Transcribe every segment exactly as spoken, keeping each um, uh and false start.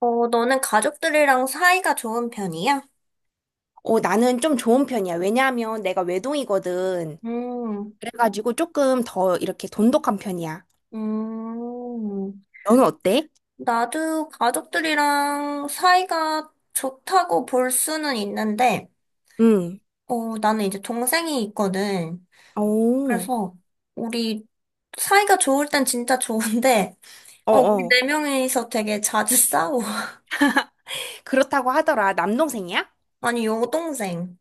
어, 너는 가족들이랑 사이가 좋은 편이야? 어, 나는 좀 좋은 편이야. 왜냐하면 내가 외동이거든. 음, 그래가지고 조금 더 이렇게 돈독한 편이야. 음, 너는 어때? 나도 가족들이랑 사이가 좋다고 볼 수는 있는데, 응. 어, 나는 이제 동생이 있거든. 오, 그래서 우리 사이가 좋을 땐 진짜 좋은데, 어, 우리 어어. 네 명이서 되게 자주 싸워. 그렇다고 하더라. 남동생이야? 아니, 여동생.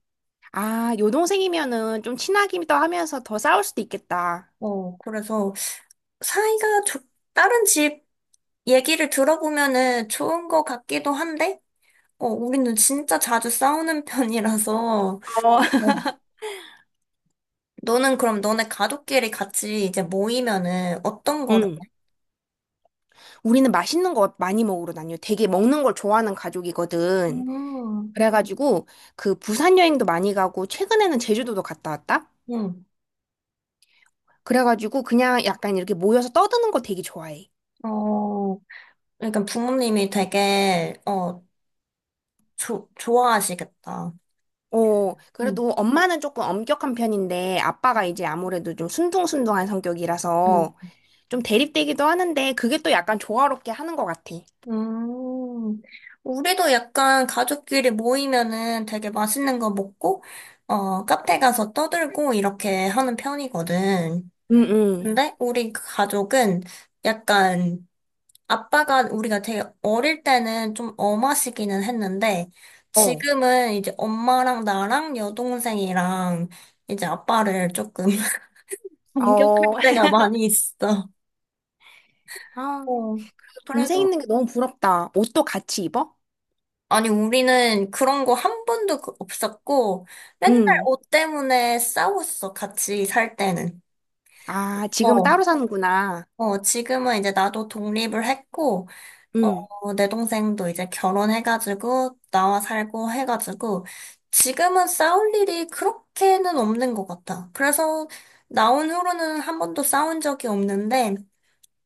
아, 여동생이면은 좀 친하기도 하면서 더 싸울 수도 있겠다. 어, 그래서 사이가 좋, 다른 집 얘기를 들어보면은 좋은 것 같기도 한데, 어, 우리는 진짜 자주 싸우는 편이라서, 어. 어. 너는 그럼 너네 가족끼리 같이 이제 모이면은 어떤 거를, 응. 우리는 맛있는 거 많이 먹으러 다녀. 되게 먹는 걸 좋아하는 가족이거든. 음, 그래가지고 그 부산 여행도 많이 가고 최근에는 제주도도 갔다 왔다. 응, 그래가지고 그냥 약간 이렇게 모여서 떠드는 거 되게 좋아해. 어, 그러니까 부모님이 되게, 어, 조, 좋아하시겠다. 어, 응, 그래도 엄마는 조금 엄격한 편인데 아빠가 이제 아무래도 좀 순둥순둥한 응. 성격이라서 좀 대립되기도 하는데 그게 또 약간 조화롭게 하는 것 같아. 음, 우리도 약간 가족끼리 모이면은 되게 맛있는 거 먹고, 어, 카페 가서 떠들고 이렇게 하는 편이거든. 응, 응. 근데 우리 가족은 약간 아빠가 우리가 되게 어릴 때는 좀 엄하시기는 했는데, 어, 지금은 이제 엄마랑 나랑 여동생이랑 이제 아빠를 조금 공격할 어. 때가 많이 있어. 아, 어. 동생 그래도, 있는 게 너무 부럽다. 옷도 같이 입어? 아니, 우리는 그런 거 한 번도 그- 없었고, 맨날 응. 옷 때문에 싸웠어, 같이 살 때는. 아, 지금은 어, 따로 사는구나. 어, 지금은 이제 나도 독립을 했고, 어, 응. 어, 내 동생도 이제 결혼해가지고, 나와 살고 해가지고, 지금은 싸울 일이 그렇게는 없는 것 같아. 그래서, 나온 후로는 한 번도 싸운 적이 없는데,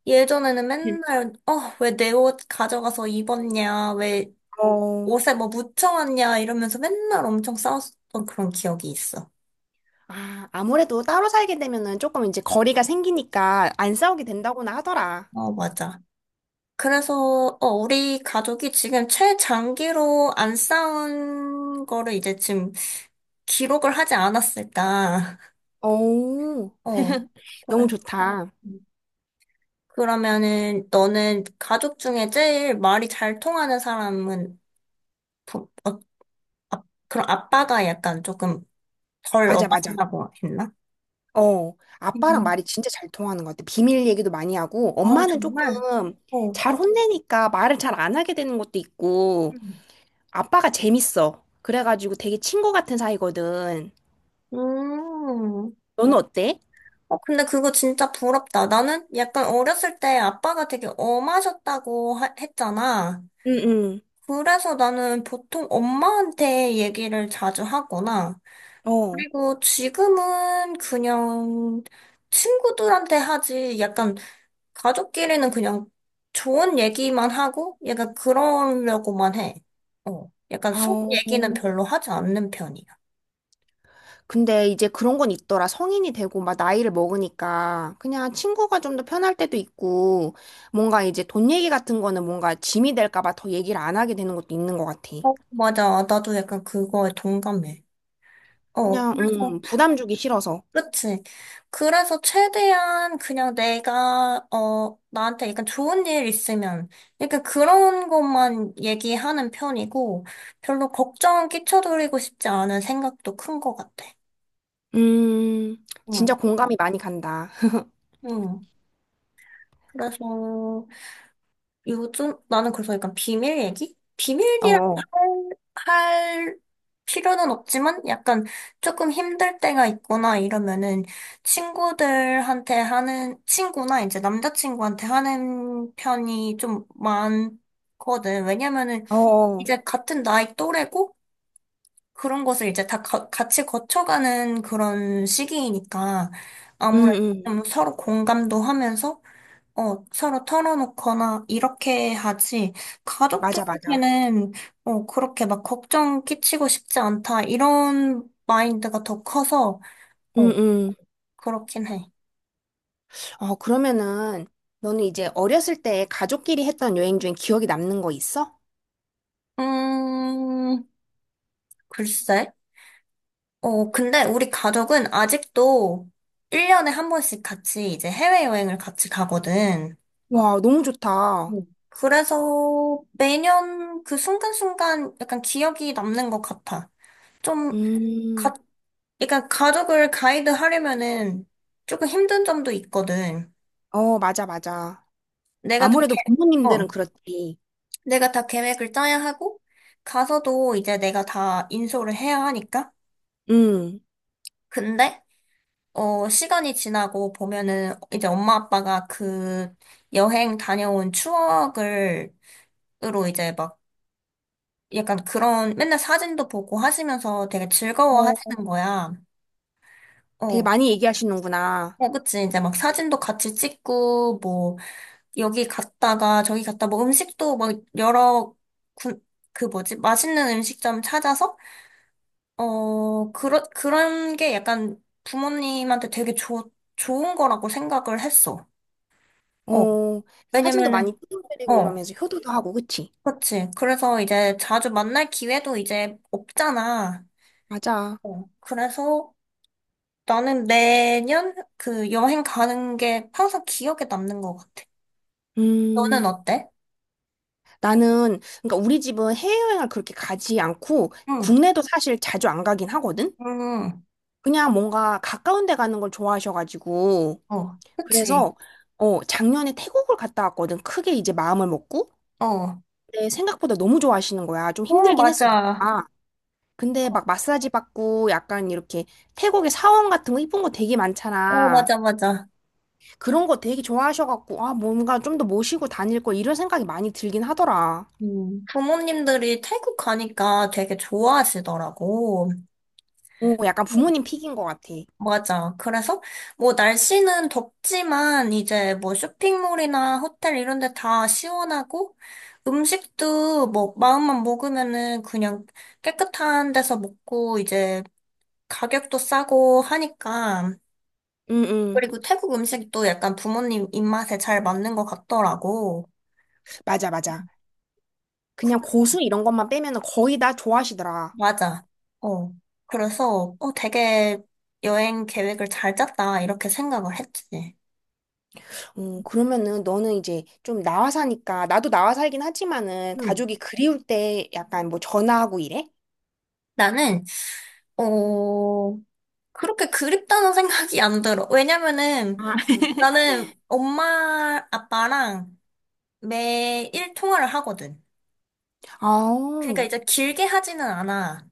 예전에는 맨날, 어, 왜 내 옷 가져가서 입었냐, 왜 어. 옷에 뭐 묻혀왔냐, 이러면서 맨날 엄청 싸웠던 그런 기억이 있어. 아, 아무래도 따로 살게 되면은 조금 이제 거리가 생기니까 안 싸우게 된다고나 하더라. 어, 맞아. 그래서, 어, 우리 가족이 지금 최장기로 안 싸운 거를 이제 지금 기록을 하지 않았을까. 오. 어, 너무 그래. 좋다. 그러면은 너는 가족 중에 제일 말이 잘 통하는 사람은 부, 어, 그럼 아빠가 약간 조금 덜 맞아, 맞아. 어마지라고 했나? 어, 아빠랑 음. 말이 진짜 잘 통하는 것 같아. 비밀 얘기도 많이 하고, 어, 엄마는 정말? 조금 어. 잘 혼내니까 말을 잘 안 하게 되는 것도 있고, 음. 아빠가 재밌어. 그래가지고 되게 친구 같은 사이거든. 음. 너는 어때? 어, 근데 그거 진짜 부럽다. 나는 약간 어렸을 때 아빠가 되게 엄하셨다고 하- 했잖아. 응, 그래서 나는 보통 엄마한테 얘기를 자주 하거나, 응. 어. 그리고 지금은 그냥 친구들한테 하지, 약간 가족끼리는 그냥 좋은 얘기만 하고, 약간 그러려고만 해. 어, 약간 속 아우. 얘기는 별로 하지 않는 편이야. 근데 이제 그런 건 있더라. 성인이 되고 막 나이를 먹으니까 그냥 친구가 좀 더 편할 때도 있고, 뭔가 이제 돈 얘기 같은 거는 뭔가 짐이 될까 봐 더 얘기를 안 하게 되는 것도 있는 것 같아. 어, 맞아. 나도 약간 그거에 동감해. 어, 그냥, 그래서 음, 부담 주기 싫어서. 그치. 그래서 최대한 그냥 내가, 어, 나한테 약간 좋은 일 있으면, 약간 그런 것만 얘기하는 편이고, 별로 걱정 끼쳐드리고 싶지 않은 생각도 큰 것 같아. 음, 응, 진짜 공감이 많이 간다. 응. 그래서, 요즘 나는 그래서 약간 비밀 얘기? 어, 비밀이라 어, 할, 할 필요는 없지만 약간 조금 힘들 때가 있거나 이러면은 친구들한테 하는, 친구나 이제 남자친구한테 하는 편이 좀 많거든. 왜냐면은 어. 이제 같은 나이 또래고 그런 것을 이제 다 가- 같이 거쳐가는 그런 시기이니까 음, 아무래도 음, 좀 서로 공감도 하면서 어, 서로 털어놓거나 이렇게 하지. 맞아, 맞아. 가족들한테는 어, 그렇게 막 걱정 끼치고 싶지 않다. 이런 마인드가 더 커서 음, 어, 음. 그렇긴 해. 어, 그러면은, 너는 이제 어렸을 때 가족끼리 했던 여행 중에 기억에 남는 거 있어? 음, 글쎄. 어, 근데 우리 가족은 아직도 일 년에 한 번씩 같이 이제 해외여행을 같이 가거든. 와, 너무 좋다. 음. 그래서 매년 그 순간순간 약간 기억이 남는 것 같아. 좀 음, 그러니까 가족을 가이드 하려면은 조금 힘든 점도 있거든. 어, 맞아, 맞아. 내가 다 계, 아무래도 어, 부모님들은 그렇지. 내가 다 계획을 짜야 하고, 가서도 이제 내가 다 인솔을 해야 하니까. 음, 근데, 어, 시간이 지나고 보면은 이제 엄마 아빠가 그 여행 다녀온 추억을, 으로 이제 막 약간 그런 맨날 사진도 보고 하시면서 되게 즐거워 하시는 어, 거야. 되게 어, 많이 얘기하시는구나. 어, 그치. 이제 막 사진도 같이 찍고, 뭐, 여기 갔다가 저기 갔다 뭐 음식도 막 여러 군, 그 뭐지? 맛있는 음식점 찾아서 어, 그런 그런 게 약간 부모님한테 되게 좋 좋은 거라고 생각을 했어. 어. 어, 사진도 많이 왜냐면은 찍어드리고 어. 이러면서 효도도 하고, 그치? 그렇지. 그래서 이제 자주 만날 기회도 이제 없잖아. 맞아. 어. 그래서 나는 매년 그 여행 가는 게 항상 기억에 남는 것 같아. 음, 너는 어때? 나는, 그러니까 우리 집은 해외여행을 그렇게 가지 않고 응. 국내도 사실 자주 안 가긴 하거든? 응. 그냥 뭔가 가까운 데 가는 걸 좋아하셔가지고. 응. 어. 그치. 그래서, 어, 작년에 태국을 갔다 왔거든. 크게 이제 마음을 먹고. 어. 근데 생각보다 너무 좋아하시는 거야. 좀 어, 힘들긴 했어, 맞아. 내가. 근데 막 마사지 받고 약간 이렇게 태국의 사원 같은 거 이쁜 거 되게 어, 많잖아. 맞아, 맞아. 그런 거 되게 좋아하셔갖고, 아, 뭔가 좀 더 모시고 다닐 걸 이런 생각이 많이 들긴 하더라. 음, 부모님들이 태국 가니까 되게 좋아하시더라고. 오, 약간 네. 부모님 픽인 것 같아. 맞아. 그래서 뭐 날씨는 덥지만 이제 뭐 쇼핑몰이나 호텔 이런 데 다 시원하고 음식도 뭐 마음만 먹으면은 그냥 깨끗한 데서 먹고 이제 가격도 싸고 하니까 응, 응. 그리고 태국 음식도 약간 부모님 입맛에 잘 맞는 것 같더라고. 맞아, 맞아. 그냥 고수 이런 것만 빼면은 거의 다 좋아하시더라. 맞아. 어. 그래서, 어, 되게 여행 계획을 잘 짰다, 이렇게 생각을 했지. 음, 그러면은 너는 이제 좀 나와 사니까, 나도 나와 살긴 하지만은 음. 가족이 그리울 때 약간 뭐 전화하고 이래? 나는, 어, 그렇게 그립다는 생각이 안 들어. 왜냐면은 나는 엄마, 아빠랑 매일 통화를 하거든. 아, 그러니까 응, 이제 길게 하지는 않아.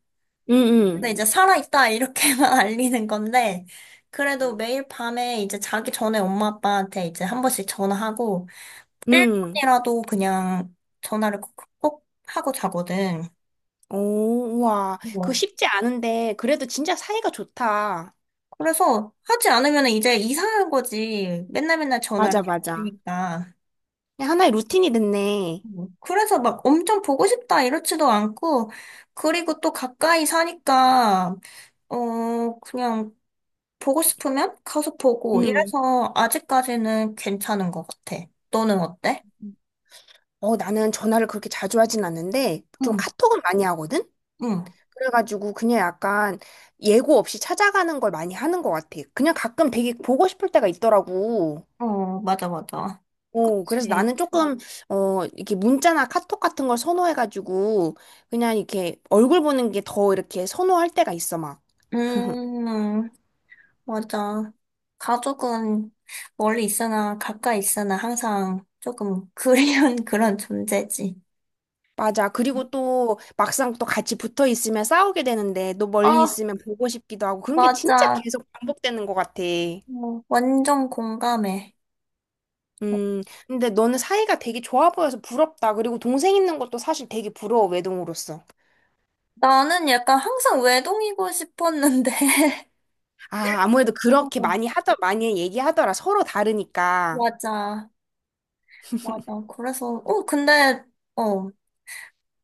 근데 이제 응, 살아있다, 이렇게만 알리는 건데, 그래도 매일 밤에 이제 자기 전에 엄마, 아빠한테 이제 한 번씩 전화하고, 응. 일 분이라도 그냥 전화를 꼭, 꼭 하고 자거든. 오, 우와. 그거 뭐. 쉽지 않은데, 그래도 진짜 사이가 좋다. 그래서 하지 않으면 이제 이상한 거지. 맨날 맨날 전화를 맞아, 맞아. 해봤으니까. 그냥 하나의 루틴이 됐네. 뭐. 그래서 막 엄청 보고 싶다 이렇지도 않고, 그리고 또 가까이 사니까, 어, 그냥 보고 싶으면 가서 보고 응. 이래서 아직까지는 괜찮은 것 같아. 너는 어때? 어, 나는 전화를 그렇게 자주 하진 않는데, 좀 응, 카톡은 많이 하거든? 응. 그래가지고 그냥 약간 예고 없이 찾아가는 걸 많이 하는 것 같아. 그냥 가끔 되게 보고 싶을 때가 있더라고. 어, 맞아, 맞아. 오, 그래서 그치. 나는 조금, 어, 이렇게 문자나 카톡 같은 걸 선호해가지고, 그냥 이렇게 얼굴 보는 게 더 이렇게 선호할 때가 있어, 막. 음, 맞아. 가족은 멀리 있으나 가까이 있으나 항상 조금 그리운 그런 존재지. 맞아. 그리고 또 막상 또 같이 붙어 있으면 싸우게 되는데, 또 멀리 아, 있으면 보고 싶기도 하고, 그런 게 진짜 맞아. 계속 반복되는 것 같아. 어, 완전 공감해. 어, 음, 근데 너는 사이가 되게 좋아 보여서 부럽다. 그리고 동생 있는 것도 사실 되게 부러워, 외동으로서. 나는 약간 항상 외동이고 싶었는데. 아, 아무래도 그렇게 어, 많이 하더, 많이 얘기하더라. 서로 다르니까. 맞아. 맞아. 그래서, 어, 근데, 어,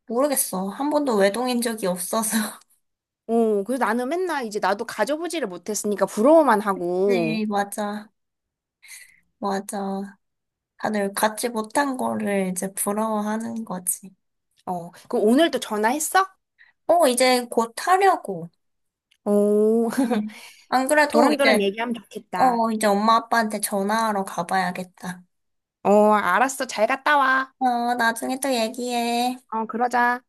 모르겠어. 한 번도 외동인 적이 없어서. 어, 그래서 나는 맨날 이제 나도 가져보지를 못했으니까 부러워만 하고. 네, 맞아. 맞아. 다들 갖지 못한 거를 이제 부러워하는 거지. 어, 그럼 오늘 또 전화했어? 어, 이제 곧 하려고. 오 응. 안 그래도 도란도란 이제, 얘기하면 좋겠다. 어, 이제 엄마 아빠한테 전화하러 가봐야겠다. 어, 알았어. 잘 갔다 와. 어, 나중에 또 얘기해. 어, 그러자.